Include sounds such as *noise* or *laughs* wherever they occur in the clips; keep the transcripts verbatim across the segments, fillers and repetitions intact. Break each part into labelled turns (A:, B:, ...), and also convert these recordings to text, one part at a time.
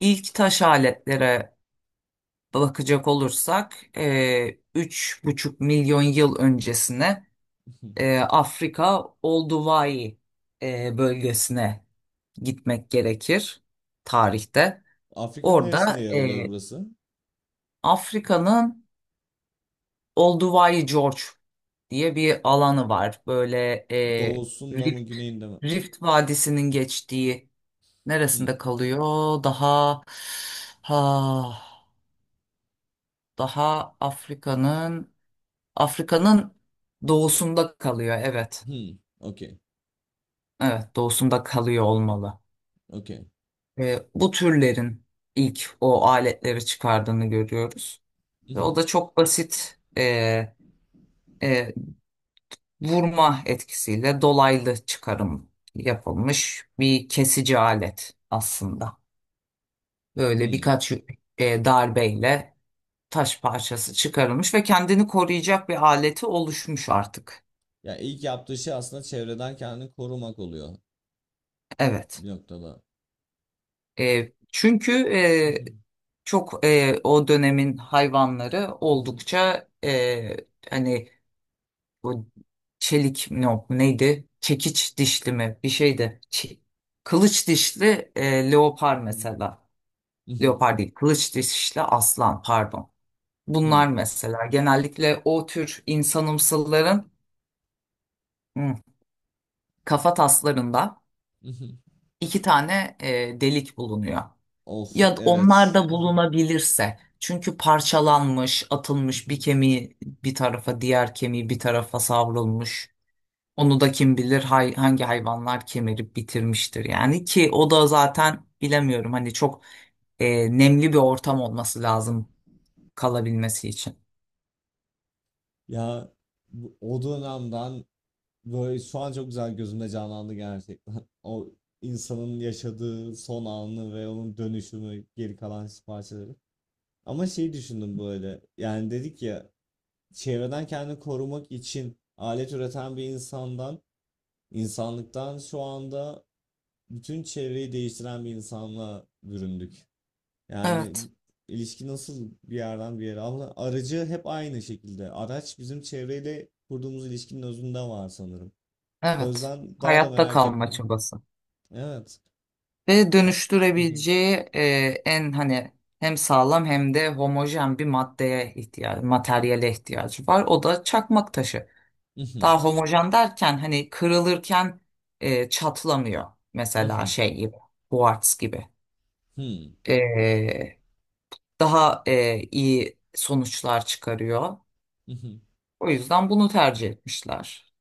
A: İlk taş aletlere bakacak olursak e, üç buçuk milyon yıl öncesine
B: Hı.
A: e, Afrika Olduvai e, bölgesine gitmek gerekir tarihte.
B: Afrika'nın neresinde
A: Orada
B: yer alıyor
A: e,
B: burası?
A: Afrika'nın Olduvai Gorge diye bir alanı var. Böyle e,
B: Doğusunda mı,
A: Rift,
B: güneyinde mi?
A: Rift Vadisi'nin geçtiği
B: Hmm.
A: neresinde kalıyor? Daha ha, daha Afrika'nın Afrika'nın doğusunda kalıyor. Evet.
B: Hmm. Okey.
A: Evet, doğusunda kalıyor olmalı.
B: Okey.
A: Ee, bu türlerin ilk o aletleri çıkardığını görüyoruz. Ve o
B: Mhm.
A: da çok basit, e, e, vurma etkisiyle dolaylı çıkarım yapılmış bir kesici alet aslında. Böyle
B: Hmm.
A: birkaç e, darbeyle taş parçası çıkarılmış ve kendini koruyacak bir aleti oluşmuş artık.
B: Ya ilk yaptığı şey aslında çevreden kendini korumak oluyor
A: Evet.
B: bir noktada.
A: E, çünkü e,
B: Mhm.
A: çok, e, o dönemin hayvanları
B: Mhm.
A: oldukça, e, hani bu çelik mi yok, neydi? Çekiç dişli mi bir şeydi. Çe- kılıç dişli e, leopar
B: Mhm.
A: mesela.
B: Mhm.
A: Leopar değil, kılıç dişli aslan pardon. Bunlar
B: Hmm.
A: mesela genellikle o tür insanımsılların hı, kafa taslarında
B: Mhm.
A: iki tane e, delik bulunuyor.
B: Of
A: Ya da onlar
B: evet.
A: da
B: Mhm.
A: bulunabilirse. Çünkü parçalanmış, atılmış bir
B: Mhm.
A: kemiği bir tarafa, diğer kemiği bir tarafa savrulmuş. Onu da kim bilir hay- hangi hayvanlar kemirip bitirmiştir yani ki o da zaten bilemiyorum, hani çok e, nemli bir ortam olması lazım kalabilmesi için.
B: Ya bu- o dönemden böyle şu an çok güzel gözümde canlandı gerçekten. *laughs* O insanın yaşadığı son anı ve onun dönüşümü geri kalan parçaları. Ama şey düşündüm böyle. Yani dedik ya, çevreden kendini korumak için alet üreten bir insandan, insanlıktan şu anda bütün çevreyi değiştiren bir insanla büründük. Yani
A: Evet,
B: ilişki nasıl bir yerden bir yere, ama aracı hep aynı şekilde. Araç bizim çevreyle kurduğumuz ilişkinin özünde var sanırım. O
A: evet.
B: yüzden daha da
A: Hayatta
B: merak
A: kalma
B: ettim.
A: çabası.
B: Evet.
A: Ve
B: A- *laughs*
A: dönüştürebileceği, e, en hani hem sağlam hem de homojen bir maddeye ihtiyacı, materyale ihtiyacı var. O da çakmak taşı. Daha homojen derken hani kırılırken e, çatlamıyor. Mesela şey gibi, kuartz gibi. E, Daha e, iyi sonuçlar çıkarıyor. O yüzden bunu tercih etmişler.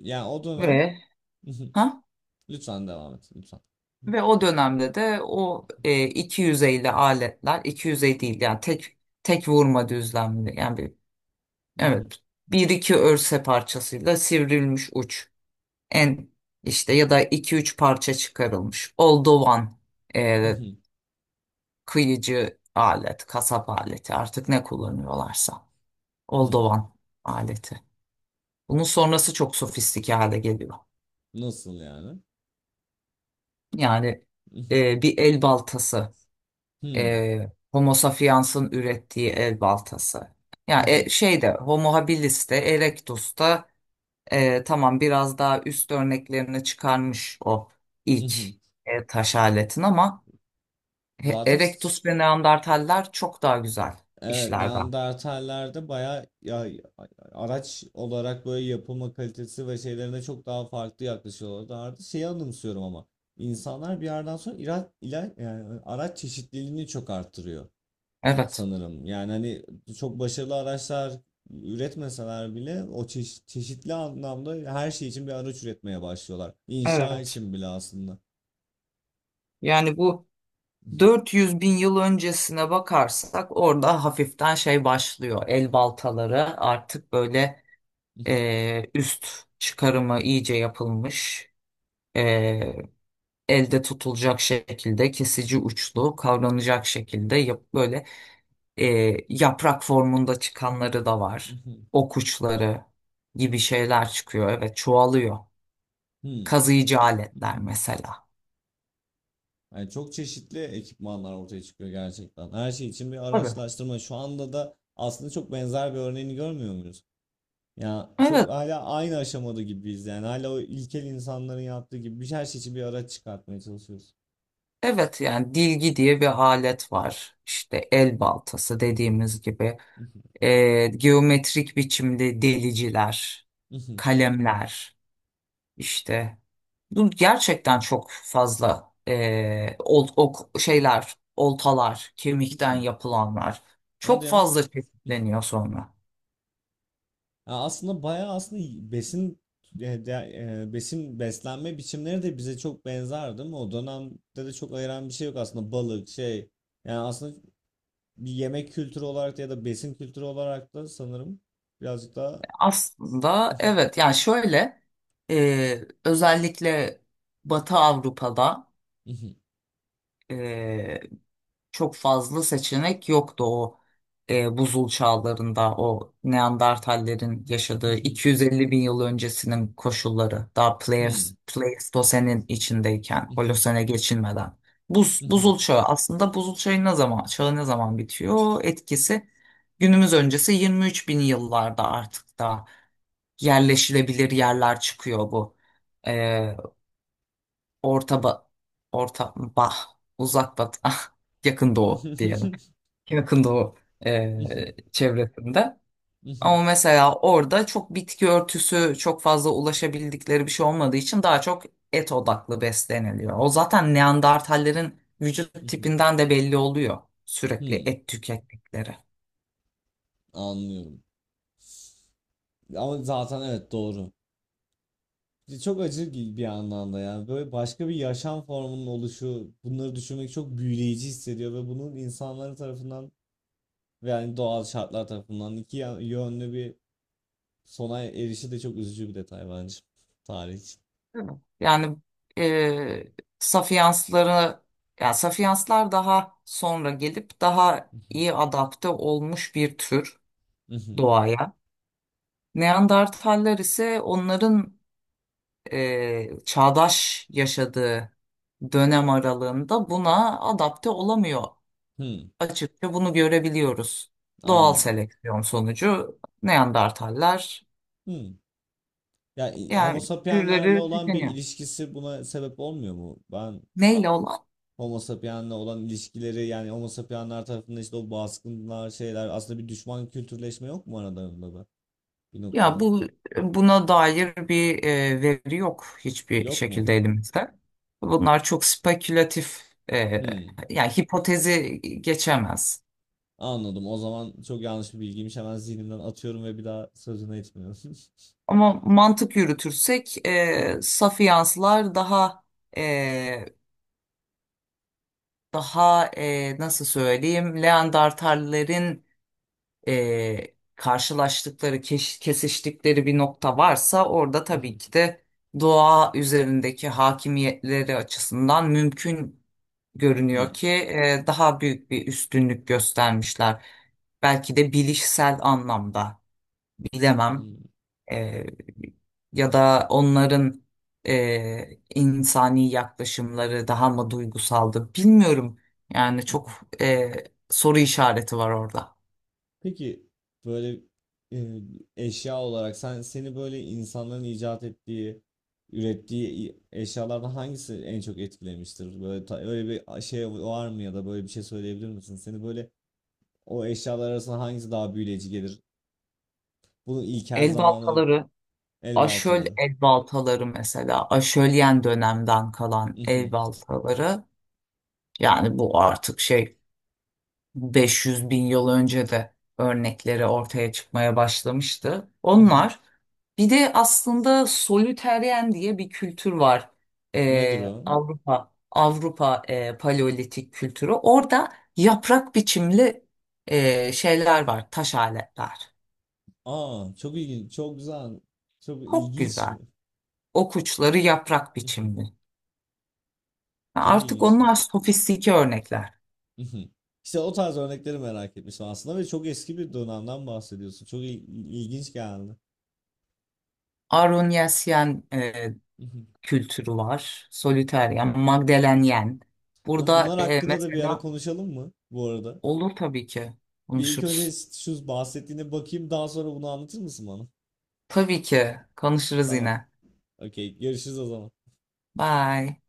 B: Yani o dönem
A: Ve
B: *laughs*
A: ha?
B: lütfen devam et. Lütfen.
A: Ve o dönemde de o e, iki yüz elli aletler, iki yüz elli değil yani tek tek vurma düzlemli, yani bir, evet,
B: *laughs*
A: bir iki örse parçasıyla sivrilmiş uç en işte, ya da iki üç parça çıkarılmış oldovan, e, kıyıcı alet, kasap aleti artık ne kullanıyorlarsa oldovan aleti. Bunun sonrası çok sofistike hale geliyor.
B: Nasıl yani?
A: Yani e, bir el baltası,
B: *laughs*
A: e, Homo sapiens'in ürettiği el baltası. Yani e, şeyde Homo habilis de Erectus da, e, tamam, biraz daha üst örneklerini çıkarmış o ilk e, taş aletin, ama He-
B: Zaten s-
A: Erectus ve Neandertaller çok daha güzel
B: evet,
A: işler var.
B: Neandertallerde bayağı ya, ya- araç olarak böyle yapılma kalitesi ve şeylerine çok daha farklı yaklaşıyorlardı. Şeyi anımsıyorum ama insanlar bir yerden sonra ira- ila- yani araç çeşitliliğini çok arttırıyor
A: Evet.
B: sanırım. Yani hani çok başarılı araçlar üretmeseler bile o çeşi- çeşitli anlamda her şey için bir araç üretmeye başlıyorlar. İnşa
A: Evet.
B: için bile aslında.
A: Yani bu
B: *laughs*
A: 400 bin yıl öncesine bakarsak orada hafiften şey başlıyor. El baltaları artık böyle e, üst çıkarımı iyice yapılmış. e, Elde tutulacak şekilde, kesici uçlu, kavranacak şekilde yap, böyle e, yaprak formunda çıkanları da var. Ok uçları gibi şeyler çıkıyor. Evet, çoğalıyor.
B: Hmm.
A: Kazıyıcı aletler mesela.
B: Yani çok çeşitli ekipmanlar ortaya çıkıyor gerçekten. Her şey için bir
A: Tabii.
B: araçlaştırma. Şu anda da aslında çok benzer bir örneğini görmüyor muyuz? Ya çok
A: Evet.
B: hala aynı aşamada gibiyiz yani. Hala o ilkel insanların yaptığı gibi bir her şey için bir araç çıkartmaya çalışıyoruz.
A: Evet, yani dilgi diye bir alet var. İşte el baltası dediğimiz gibi. E, geometrik biçimde deliciler,
B: *laughs*
A: kalemler, işte, bu gerçekten çok fazla eee ol, ok, şeyler, oltalar, kemikten yapılanlar, çok
B: Hadi ya.
A: fazla çeşitleniyor sonra.
B: Ya aslında bayağı aslında besin e, de- e, besin beslenme biçimleri de bize çok benzer değil mi? O dönemde de çok ayıran bir şey yok aslında, balık şey. Yani aslında bir yemek kültürü olarak da ya da besin kültürü olarak da sanırım birazcık daha
A: Aslında evet,
B: *laughs*
A: yani şöyle, eee, özellikle Batı Avrupa'da e, çok fazla seçenek yoktu o e, buzul çağlarında. O Neandertallerin yaşadığı 250 bin yıl öncesinin koşulları, daha Pleis- Pleistosen'in içindeyken Holosen'e geçilmeden. Buz, buzul çağı, aslında buzul çağı ne zaman, çağı ne zaman bitiyor? Etkisi günümüz öncesi 23 bin yıllarda artık da yerleşilebilir yerler çıkıyor bu. E, orta ba, orta bah Uzak batı *laughs* yakın doğu diyelim, yakında o e, çevresinde. Ama mesela orada çok bitki örtüsü, çok fazla ulaşabildikleri bir şey olmadığı için daha çok et odaklı besleniliyor. O zaten Neandertallerin vücut tipinden de belli oluyor sürekli et tükettikleri.
B: anlıyorum. Ama zaten evet doğru. Çok acı gi- bir anlamda ya. Böyle başka bir yaşam formunun oluşu, bunları düşünmek çok büyüleyici hissediyor ve bunun insanlar tarafından ve yani doğal şartlar tarafından iki ya- yönlü bir sona erişi de çok üzücü bir detay bence. Tarih için.
A: Değil mi? Yani e, Sapiensları yani Sapienslar daha sonra gelip daha iyi adapte olmuş bir tür
B: Mhm.
A: doğaya. Neandertaller ise onların e, çağdaş yaşadığı dönem aralığında buna adapte olamıyor.
B: Hmm,
A: Açıkça bunu görebiliyoruz. Doğal
B: anladım.
A: seleksiyon sonucu Neandertaller,
B: Hmm. Ya i- Homo
A: yani
B: sapienslerle
A: türleri
B: olan bir
A: tükeniyor.
B: ilişkisi buna sebep olmuyor mu? Ben
A: Neyle olan?
B: Homo sapiensle olan ilişkileri, yani Homo sapiensler tarafından, işte o baskınlar şeyler, aslında bir düşman kültürleşme yok mu aralarında da bir
A: Ya
B: noktada?
A: bu buna dair bir e, veri yok hiçbir
B: Yok mu?
A: şekilde elimizde. Bunlar çok spekülatif, e,
B: Hmm,
A: yani hipotezi geçemez.
B: anladım. O zaman çok yanlış bir bilgiymiş. Hemen zihnimden atıyorum ve bir daha sözüne etmiyorum.
A: Ama mantık yürütürsek, e,
B: *laughs*
A: saf daha e, daha, e, nasıl söyleyeyim, Leandertallerin e, karşılaştıkları, keş- kesiştikleri bir nokta varsa orada tabii ki de doğa üzerindeki hakimiyetleri açısından mümkün görünüyor
B: Hmm,
A: ki e, daha büyük bir üstünlük göstermişler. Belki de bilişsel anlamda bilemem.
B: anladım.
A: Ee, Ya da onların e, insani yaklaşımları daha mı duygusaldı bilmiyorum. Yani çok e, soru işareti var orada.
B: Peki böyle e, eşya olarak sen seni böyle insanların icat ettiği, ürettiği i- eşyalardan hangisi en çok etkilemiştir? Böyle ta- öyle bir şey var mı, ya da böyle bir şey söyleyebilir misin? Seni böyle o eşyalar arasında hangisi daha büyüleyici gelir? Bunun ilkel
A: El
B: zamanı
A: baltaları,
B: el
A: aşöl
B: baltaları.
A: el baltaları mesela, aşölyen dönemden kalan el
B: *laughs*
A: baltaları, yani bu artık şey, 500 bin yıl önce de örnekleri ortaya çıkmaya başlamıştı. Onlar, bir de aslında solüteryen diye bir kültür var.
B: Nedir
A: Ee,
B: o?
A: Avrupa Avrupa e, paleolitik kültürü. Orada yaprak biçimli e, şeyler var, taş aletler.
B: Aa, çok ilginç, çok güzel, çok
A: Çok
B: ilginç.
A: güzel. Okuçları yaprak biçimli.
B: *laughs* Çok
A: Artık onlar
B: ilginçmiş.
A: sofistike örnekler.
B: *laughs* İşte o tarz örnekleri merak etmiştim aslında ve çok eski bir dönemden bahsediyorsun. Çok il- ilginç geldi.
A: Arunyasyen
B: *laughs*
A: kültürü var. Solitaire, yani Magdalenyen.
B: O
A: Burada
B: bunlar
A: e,
B: hakkında da bir ara
A: mesela,
B: konuşalım mı bu arada?
A: olur tabii ki
B: Bir ilk önce
A: konuşuruz.
B: şu bahsettiğine bakayım, daha sonra bunu anlatır mısın bana?
A: Tabii ki konuşuruz
B: Tamam.
A: yine.
B: Okey. Görüşürüz o zaman.
A: Bye.